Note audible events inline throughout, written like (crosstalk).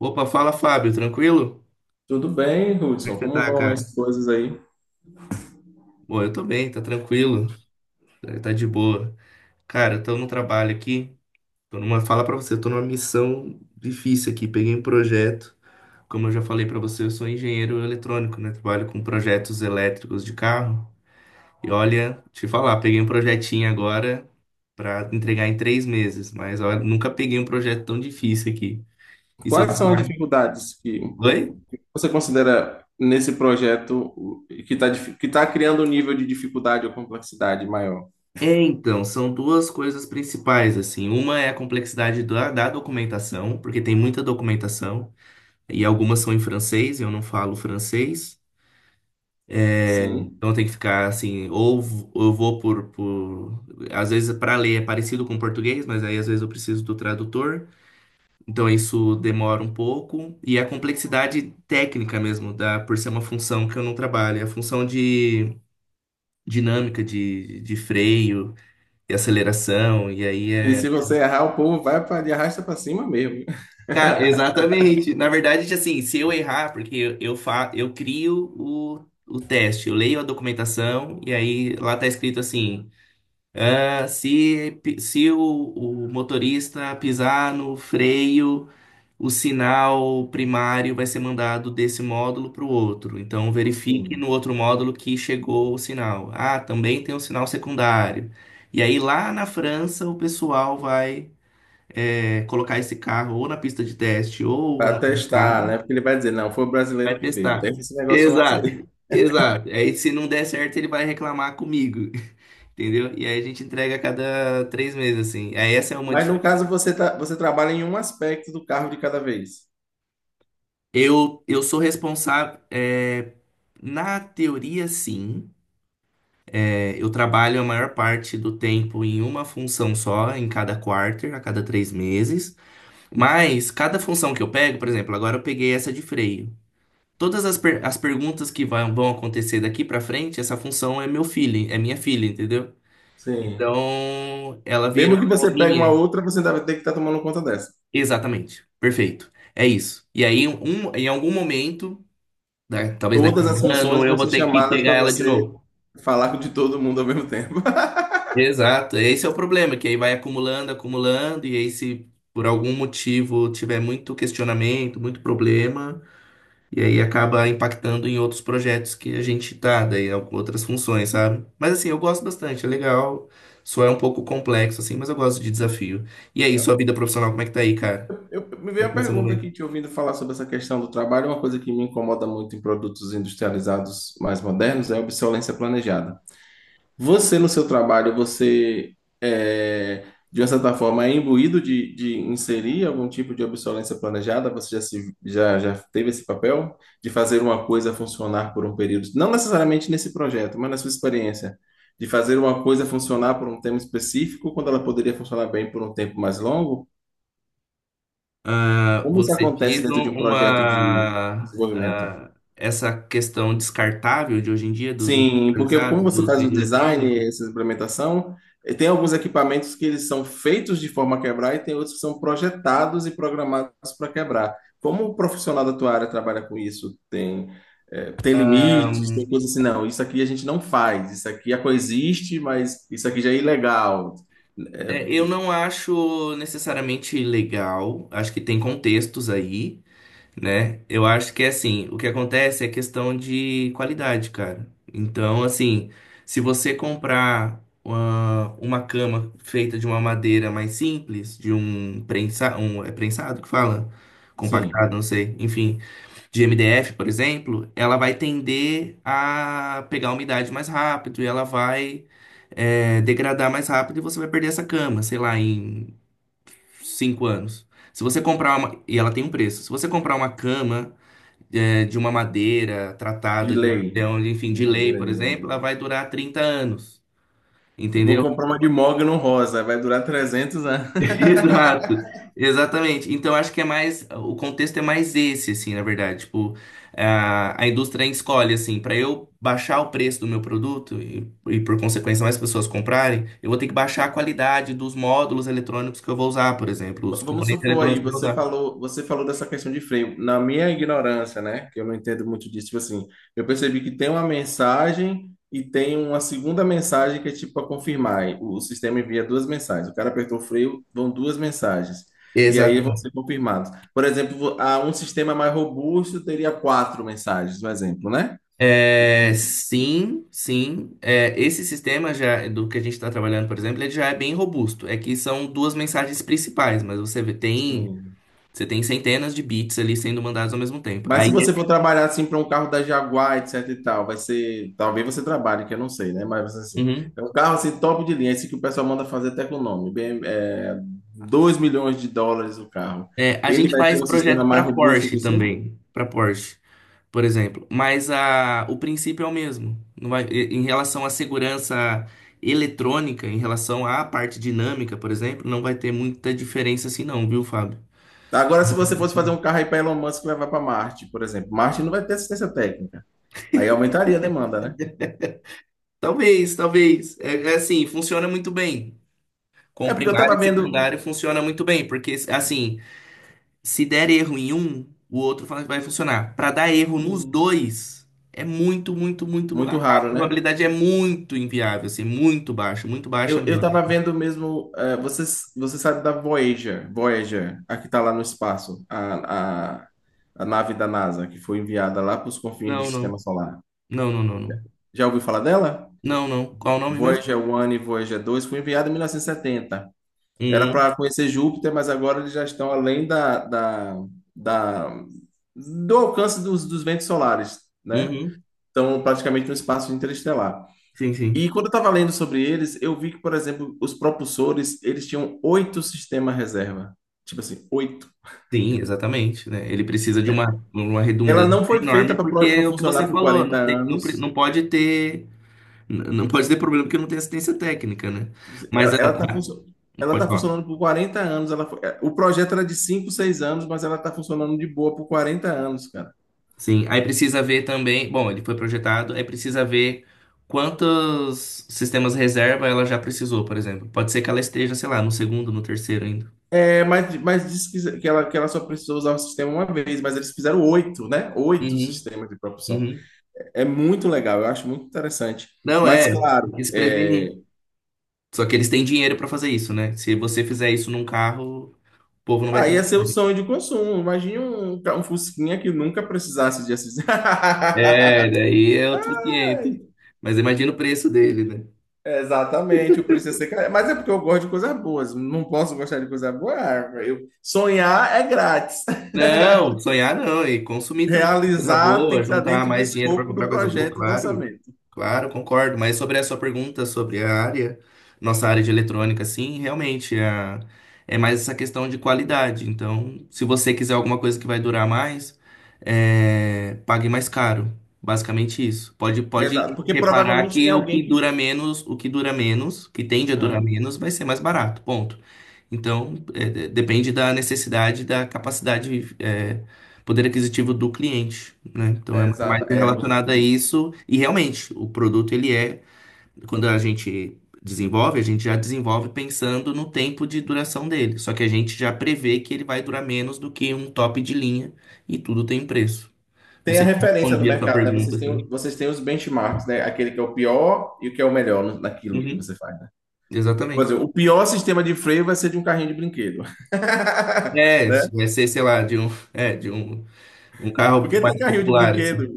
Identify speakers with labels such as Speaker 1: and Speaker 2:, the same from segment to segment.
Speaker 1: Opa, fala Fábio, tranquilo?
Speaker 2: Tudo bem,
Speaker 1: Como é que
Speaker 2: Hudson?
Speaker 1: você
Speaker 2: Como
Speaker 1: tá,
Speaker 2: vão
Speaker 1: cara?
Speaker 2: as coisas aí?
Speaker 1: Bom, eu tô bem, tá tranquilo, tá de boa. Cara, eu tô no trabalho aqui, fala pra você, eu tô numa missão difícil aqui, peguei um projeto, como eu já falei pra você, eu sou engenheiro eletrônico, né? Trabalho com projetos elétricos de carro. E olha, te falar, peguei um projetinho agora pra entregar em 3 meses, mas olha, nunca peguei um projeto tão difícil aqui. E seu
Speaker 2: Quais são as
Speaker 1: trabalho?
Speaker 2: dificuldades que
Speaker 1: Oi?
Speaker 2: você considera nesse projeto que tá criando um nível de dificuldade ou complexidade maior?
Speaker 1: É, então, são duas coisas principais, assim. Uma é a complexidade da documentação, porque tem muita documentação, e algumas são em francês, eu não falo francês.
Speaker 2: Sim.
Speaker 1: Então tem que ficar assim, ou eu vou por. Às vezes para ler é parecido com português, mas aí às vezes eu preciso do tradutor. Então isso demora um pouco. E a complexidade técnica mesmo, por ser uma função que eu não trabalho, é a função de dinâmica de freio e aceleração, e aí
Speaker 2: E
Speaker 1: é.
Speaker 2: se você errar, o povo vai para de arrasta para cima mesmo.
Speaker 1: Cara,
Speaker 2: (laughs)
Speaker 1: exatamente. Na verdade, assim, se eu errar, porque eu crio o teste, eu leio a documentação e aí lá tá escrito assim: ah, se o motorista pisar no freio, o sinal primário vai ser mandado desse módulo para o outro. Então, verifique
Speaker 2: Sim.
Speaker 1: no outro módulo que chegou o sinal. Ah, também tem um sinal secundário. E aí lá na França o pessoal vai colocar esse carro ou na pista de teste ou na
Speaker 2: Para testar,
Speaker 1: estrada,
Speaker 2: né? Porque ele vai dizer, não, foi o
Speaker 1: vai
Speaker 2: brasileiro que fez.
Speaker 1: testar.
Speaker 2: Teve esse negócio antes aí.
Speaker 1: Exato, exato. Aí se não der certo, ele vai reclamar comigo, (laughs) entendeu? E aí a gente entrega a cada 3 meses, assim. Aí essa é uma
Speaker 2: Mas no
Speaker 1: dificuldade.
Speaker 2: caso, você trabalha em um aspecto do carro de cada vez.
Speaker 1: Eu sou responsável, é, na teoria, sim. É, eu trabalho a maior parte do tempo em uma função só, em cada quarter, a cada 3 meses. Mas cada função que eu pego, por exemplo, agora eu peguei essa de freio. Todas as perguntas que vão acontecer daqui pra frente, essa função é meu filho, é minha filha, entendeu?
Speaker 2: Sim.
Speaker 1: Então, ela
Speaker 2: Mesmo
Speaker 1: virou
Speaker 2: que você pegue uma
Speaker 1: minha.
Speaker 2: outra, você deve ter que estar tomando conta dessa.
Speaker 1: Exatamente. Perfeito. É isso. E aí, em algum momento, né, talvez daqui a
Speaker 2: Todas as
Speaker 1: um
Speaker 2: funções
Speaker 1: ano, eu
Speaker 2: vão
Speaker 1: vou
Speaker 2: ser
Speaker 1: ter que
Speaker 2: chamadas
Speaker 1: pegar
Speaker 2: para
Speaker 1: ela de
Speaker 2: você
Speaker 1: novo.
Speaker 2: falar com de todo mundo ao mesmo tempo. (laughs)
Speaker 1: Exato. Esse é o problema, que aí vai acumulando, acumulando, e aí se por algum motivo tiver muito questionamento, muito problema, e aí acaba impactando em outros projetos que a gente tá, daí com outras funções, sabe? Mas assim, eu gosto bastante, é legal. Só é um pouco complexo, assim, mas eu gosto de desafio. E aí, sua vida profissional, como é que tá aí, cara?
Speaker 2: Me veio
Speaker 1: Como é
Speaker 2: uma
Speaker 1: que tá seu
Speaker 2: pergunta aqui,
Speaker 1: momento?
Speaker 2: te ouvindo falar sobre essa questão do trabalho. Uma coisa que me incomoda muito em produtos industrializados mais modernos é a obsolescência planejada. Você, no seu trabalho, você, é, de uma certa forma, é imbuído de inserir algum tipo de obsolescência planejada? Você já, se, já, já teve esse papel de fazer uma coisa funcionar por um período? Não necessariamente nesse projeto, mas na sua experiência. De fazer uma coisa funcionar por um tempo específico, quando ela poderia funcionar bem por um tempo mais longo?
Speaker 1: Ah,
Speaker 2: Como isso
Speaker 1: você
Speaker 2: acontece
Speaker 1: diz
Speaker 2: dentro de um projeto de
Speaker 1: uma,
Speaker 2: desenvolvimento?
Speaker 1: ah, essa questão descartável de hoje em dia, dos
Speaker 2: Sim, porque como
Speaker 1: industrializados,
Speaker 2: você
Speaker 1: dos
Speaker 2: faz o design,
Speaker 1: eletrônicos?
Speaker 2: essa implementação, tem alguns equipamentos que eles são feitos de forma a quebrar e tem outros que são projetados e programados para quebrar. Como o profissional da tua área trabalha com isso? Tem
Speaker 1: Ah,
Speaker 2: limites, tem coisas assim, não, isso aqui a gente não faz, isso aqui a coexiste, mas isso aqui já é ilegal.
Speaker 1: é,
Speaker 2: É,
Speaker 1: eu não acho necessariamente legal, acho que tem contextos aí, né? Eu acho que é assim, o que acontece é questão de qualidade, cara. Então, assim, se você comprar uma cama feita de uma madeira mais simples, de um prensa, um é prensado que fala,
Speaker 2: sim,
Speaker 1: compactado, não sei, enfim, de MDF, por exemplo, ela vai tender a pegar umidade mais rápido e ela vai degradar mais rápido e você vai perder essa cama, sei lá, em 5 anos. Se você comprar uma, e ela tem um preço. Se você comprar uma cama de uma madeira
Speaker 2: de
Speaker 1: tratada, de, um
Speaker 2: lei.
Speaker 1: material, enfim, de lei,
Speaker 2: Madeira
Speaker 1: por
Speaker 2: de
Speaker 1: exemplo,
Speaker 2: lei.
Speaker 1: ela vai durar 30 anos,
Speaker 2: Eu vou
Speaker 1: entendeu?
Speaker 2: comprar uma de mogno rosa, vai durar 300 anos.
Speaker 1: (laughs) Exato, exatamente. Então, acho que é mais, o contexto é mais esse, assim, na verdade. Tipo, a indústria escolhe, assim, para eu baixar o preço do meu produto e, por consequência, mais pessoas comprarem, eu vou ter que baixar a qualidade dos módulos eletrônicos que eu vou usar, por exemplo,
Speaker 2: V-
Speaker 1: os
Speaker 2: Vamos
Speaker 1: componentes
Speaker 2: supor aí,
Speaker 1: eletrônicos que eu vou
Speaker 2: você
Speaker 1: usar.
Speaker 2: falou, você falou dessa questão de freio. Na minha ignorância, né, que eu não entendo muito disso, tipo assim, eu percebi que tem uma mensagem e tem uma segunda mensagem que é tipo para confirmar. E o sistema envia duas mensagens. O cara apertou o freio, vão duas mensagens. E aí vão
Speaker 1: Exato.
Speaker 2: ser confirmados. Por exemplo, um sistema mais robusto teria quatro mensagens, um exemplo, né? E,
Speaker 1: É, sim, sim. É, esse sistema já do que a gente está trabalhando, por exemplo, ele já é bem robusto. É que são duas mensagens principais, mas
Speaker 2: sim.
Speaker 1: você tem centenas de bits ali sendo mandados ao mesmo tempo.
Speaker 2: Mas
Speaker 1: Aí,
Speaker 2: se você for trabalhar assim para um carro da Jaguar, etc e tal, vai ser. Talvez você trabalhe, que eu não sei, né? Mas assim,
Speaker 1: uhum.
Speaker 2: é um carro assim top de linha, esse que o pessoal manda fazer até com o nome. Bem, é 2 milhões de dólares o carro.
Speaker 1: É, a
Speaker 2: Ele
Speaker 1: gente
Speaker 2: vai
Speaker 1: faz
Speaker 2: ter um sistema
Speaker 1: projeto
Speaker 2: mais
Speaker 1: para
Speaker 2: robusto
Speaker 1: Porsche
Speaker 2: que o seu?
Speaker 1: também, para Porsche, por exemplo. Mas o princípio é o mesmo. Não vai, e- Em relação à segurança eletrônica, em relação à parte dinâmica, por exemplo, não vai ter muita diferença assim, não, viu, Fábio?
Speaker 2: Agora, se você fosse fazer um carro aí para Elon Musk levar para Marte, por exemplo, Marte não vai ter assistência técnica. Aí aumentaria a demanda, né?
Speaker 1: Talvez, talvez. É, assim, funciona muito bem.
Speaker 2: É
Speaker 1: Com
Speaker 2: porque eu
Speaker 1: primário
Speaker 2: estava
Speaker 1: e
Speaker 2: vendo.
Speaker 1: secundário funciona muito bem, porque assim, se der erro em um, o outro vai funcionar. Para dar erro nos
Speaker 2: Sim,
Speaker 1: dois, é muito, muito, muito. A
Speaker 2: muito
Speaker 1: a
Speaker 2: raro, né?
Speaker 1: probabilidade é muito inviável, assim, muito baixa
Speaker 2: Eu
Speaker 1: mesmo.
Speaker 2: tava vendo mesmo. Você sabe da Voyager, a que tá lá no espaço, a nave da NASA, que foi enviada lá para os confins do
Speaker 1: Não,
Speaker 2: Sistema
Speaker 1: não.
Speaker 2: Solar.
Speaker 1: Não, não, não, não.
Speaker 2: Já ouviu falar dela?
Speaker 1: Não, não. Qual o nome mesmo?
Speaker 2: Voyager 1 e Voyager 2 foi enviada em 1970. Era
Speaker 1: Uhum,
Speaker 2: para conhecer Júpiter, mas agora eles já estão além da- do alcance dos ventos solares, né?
Speaker 1: uhum.
Speaker 2: Estão praticamente no espaço interestelar.
Speaker 1: Sim, sim.
Speaker 2: E quando eu estava lendo sobre eles, eu vi que, por exemplo, os propulsores, eles tinham oito sistemas reserva. Tipo assim, oito.
Speaker 1: Sim, exatamente, né? Ele precisa de uma
Speaker 2: Ela
Speaker 1: redundância
Speaker 2: não foi feita
Speaker 1: enorme, porque
Speaker 2: para
Speaker 1: é o que você
Speaker 2: funcionar por
Speaker 1: falou,
Speaker 2: 40
Speaker 1: não tem, não,
Speaker 2: anos.
Speaker 1: não pode ter. Não pode ter problema porque não tem assistência técnica, né?
Speaker 2: Tipo assim,
Speaker 1: Mas
Speaker 2: Ela, ela tá funcionando. Ela
Speaker 1: pode
Speaker 2: está
Speaker 1: falar.
Speaker 2: funcionando por 40 anos. O projeto era de 5, 6 anos, mas ela está funcionando de boa por 40 anos, cara.
Speaker 1: Sim, aí precisa ver também. Bom, ele foi projetado, aí precisa ver quantos sistemas reserva ela já precisou, por exemplo. Pode ser que ela esteja, sei lá, no segundo, no terceiro ainda.
Speaker 2: É, mas disse que ela só precisou usar o sistema uma vez, mas eles fizeram oito, né? Oito
Speaker 1: Uhum,
Speaker 2: sistemas de propulsão.
Speaker 1: uhum.
Speaker 2: É muito legal, eu acho muito interessante.
Speaker 1: Não é,
Speaker 2: Mas,
Speaker 1: tem que
Speaker 2: claro,
Speaker 1: se
Speaker 2: é,
Speaker 1: prevenir. Só que eles têm dinheiro pra fazer isso, né? Se você fizer isso num carro, o povo não vai
Speaker 2: Aí ia
Speaker 1: ter.
Speaker 2: ser o sonho de consumo. Imagine um Fusquinha que nunca precisasse de assistir. (laughs)
Speaker 1: É, daí é outro cliente. Mas imagina o preço dele, né?
Speaker 2: Exatamente, o preço ia ser caro. Mas é porque eu gosto de coisas boas. Não posso gostar de coisa boa. Sonhar é grátis.
Speaker 1: Não, sonhar não, e consumir
Speaker 2: (laughs)
Speaker 1: também coisa
Speaker 2: Realizar tem
Speaker 1: boa,
Speaker 2: que estar
Speaker 1: juntar
Speaker 2: dentro do
Speaker 1: mais dinheiro para
Speaker 2: escopo do
Speaker 1: comprar coisa boa,
Speaker 2: projeto e do
Speaker 1: claro.
Speaker 2: orçamento.
Speaker 1: Claro, concordo. Mas sobre a sua pergunta sobre a área, nossa área de eletrônica, sim, realmente é mais essa questão de qualidade. Então, se você quiser alguma coisa que vai durar mais, pague mais caro. Basicamente isso. Pode,
Speaker 2: É,
Speaker 1: pode
Speaker 2: exato. Porque
Speaker 1: reparar
Speaker 2: provavelmente tem
Speaker 1: que o
Speaker 2: alguém
Speaker 1: que
Speaker 2: que.
Speaker 1: dura menos, o que dura menos, que tende a durar
Speaker 2: Hã?
Speaker 1: menos, vai ser mais barato. Ponto. Então, depende da necessidade, da capacidade, poder aquisitivo do cliente, né? Então, é
Speaker 2: É,
Speaker 1: mais
Speaker 2: exato. É
Speaker 1: relacionado a
Speaker 2: muito.
Speaker 1: isso. E realmente, o produto, quando a gente desenvolve, a gente já desenvolve pensando no tempo de duração dele. Só que a gente já prevê que ele vai durar menos do que um top de linha e tudo tem preço. Não
Speaker 2: Tem a
Speaker 1: sei se eu
Speaker 2: referência no
Speaker 1: respondi a sua
Speaker 2: mercado, né?
Speaker 1: pergunta,
Speaker 2: Vocês têm,
Speaker 1: assim.
Speaker 2: vocês têm os benchmarks, né? Aquele que é o pior e o que é o melhor naquilo que
Speaker 1: Uhum,
Speaker 2: você faz, né? Por
Speaker 1: exatamente.
Speaker 2: exemplo, o pior sistema de freio vai ser de um carrinho de brinquedo. (laughs)
Speaker 1: É,
Speaker 2: Né?
Speaker 1: vai ser, sei lá, de um carro
Speaker 2: Porque tem
Speaker 1: mais
Speaker 2: carrinho de
Speaker 1: popular, assim.
Speaker 2: brinquedo.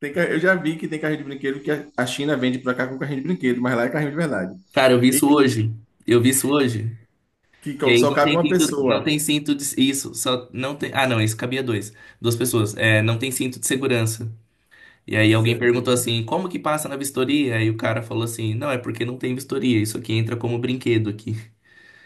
Speaker 2: Eu já vi que tem carrinho de brinquedo que a China vende para cá com carrinho de brinquedo, mas lá é carrinho de verdade.
Speaker 1: Cara, eu vi
Speaker 2: E
Speaker 1: isso hoje. Eu vi isso hoje.
Speaker 2: que
Speaker 1: E
Speaker 2: co-
Speaker 1: aí
Speaker 2: só
Speaker 1: não
Speaker 2: cabe
Speaker 1: tem
Speaker 2: uma
Speaker 1: cinto, não
Speaker 2: pessoa.
Speaker 1: tem cinto de isso, só não tem. Ah, não, isso cabia dois, duas pessoas. É, não tem cinto de segurança. E aí
Speaker 2: Você
Speaker 1: alguém perguntou
Speaker 2: entende?
Speaker 1: assim, como que passa na vistoria? Aí o cara falou assim, não, é porque não tem vistoria. Isso aqui entra como brinquedo aqui.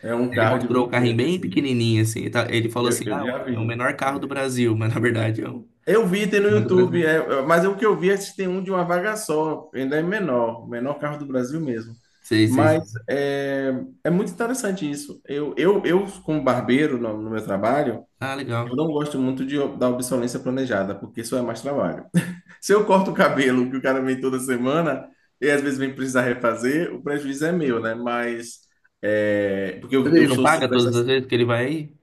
Speaker 2: É um
Speaker 1: Ele
Speaker 2: carro de
Speaker 1: mostrou o carrinho
Speaker 2: brinquedo,
Speaker 1: bem
Speaker 2: assim.
Speaker 1: pequenininho assim. Ele falou assim,
Speaker 2: Eu,
Speaker 1: ah,
Speaker 2: eu já
Speaker 1: é o
Speaker 2: vi.
Speaker 1: menor carro do
Speaker 2: É.
Speaker 1: Brasil, (laughs) mas na verdade é o
Speaker 2: Eu vi, tem no
Speaker 1: não é do Brasil.
Speaker 2: YouTube, mas é o que eu vi é que tem um de uma vaga só, ainda é menor, o menor carro do Brasil mesmo.
Speaker 1: Sei, sei,
Speaker 2: Mas
Speaker 1: sei.
Speaker 2: é muito interessante isso. Eu como barbeiro no meu trabalho,
Speaker 1: Ah,
Speaker 2: eu
Speaker 1: legal.
Speaker 2: não gosto muito da obsolescência planejada, porque isso é mais trabalho. (laughs) Se eu corto o cabelo, que o cara vem toda semana, e às vezes vem precisar refazer, o prejuízo é meu, né? Mas, porque
Speaker 1: Mas
Speaker 2: eu,
Speaker 1: ele
Speaker 2: eu
Speaker 1: não
Speaker 2: sou...
Speaker 1: paga todas as vezes que ele vai aí?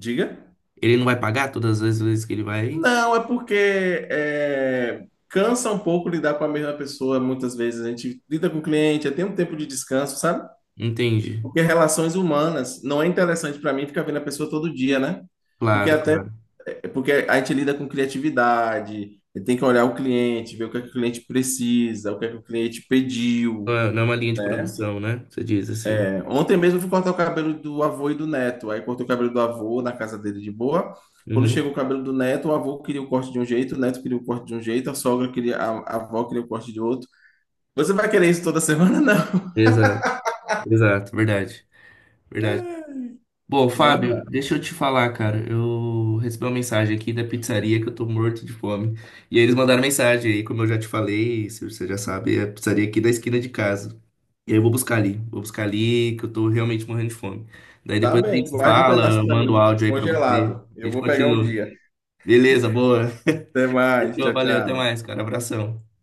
Speaker 2: Diga?
Speaker 1: Ele não vai pagar todas as vezes que ele vai aí?
Speaker 2: Não, é porque cansa um pouco lidar com a mesma pessoa. Muitas vezes a gente lida com o cliente, tem um tempo de descanso, sabe?
Speaker 1: Entendi.
Speaker 2: Porque relações humanas não é interessante para mim ficar vendo a pessoa todo dia, né? Porque
Speaker 1: Claro,
Speaker 2: até
Speaker 1: claro.
Speaker 2: é porque a gente lida com criatividade, tem que olhar o cliente, ver o que é que o cliente precisa, o que é que o cliente
Speaker 1: Não
Speaker 2: pediu,
Speaker 1: é não é uma linha de
Speaker 2: né?
Speaker 1: produção, né? Você diz assim.
Speaker 2: Ontem mesmo eu fui cortar o cabelo do avô e do neto. Aí cortei o cabelo do avô na casa dele de boa. Quando
Speaker 1: Uhum.
Speaker 2: chegou o cabelo do neto, o avô queria o corte de um jeito, o neto queria o corte de um jeito, a sogra queria, a avó queria o corte de outro. Você vai querer isso toda semana?
Speaker 1: Exato, exato, verdade, verdade. Bom,
Speaker 2: (laughs) Não. Não
Speaker 1: Fábio,
Speaker 2: dá.
Speaker 1: deixa eu te falar, cara. Eu recebi uma mensagem aqui da pizzaria que eu tô morto de fome. E aí eles mandaram mensagem aí, como eu já te falei, se você já sabe, é a pizzaria aqui da esquina de casa. E aí eu vou buscar ali, que eu tô realmente morrendo de fome. Daí
Speaker 2: Tá
Speaker 1: depois a
Speaker 2: bem,
Speaker 1: gente se
Speaker 2: guarde um
Speaker 1: fala,
Speaker 2: pedaço
Speaker 1: eu
Speaker 2: pra
Speaker 1: mando o
Speaker 2: mim,
Speaker 1: áudio aí pra você.
Speaker 2: congelado.
Speaker 1: A
Speaker 2: Eu
Speaker 1: gente
Speaker 2: vou pegar um
Speaker 1: continua.
Speaker 2: dia.
Speaker 1: Beleza, boa.
Speaker 2: Até mais,
Speaker 1: Fechou,
Speaker 2: tchau,
Speaker 1: valeu, até
Speaker 2: tchau.
Speaker 1: mais, cara. Abração.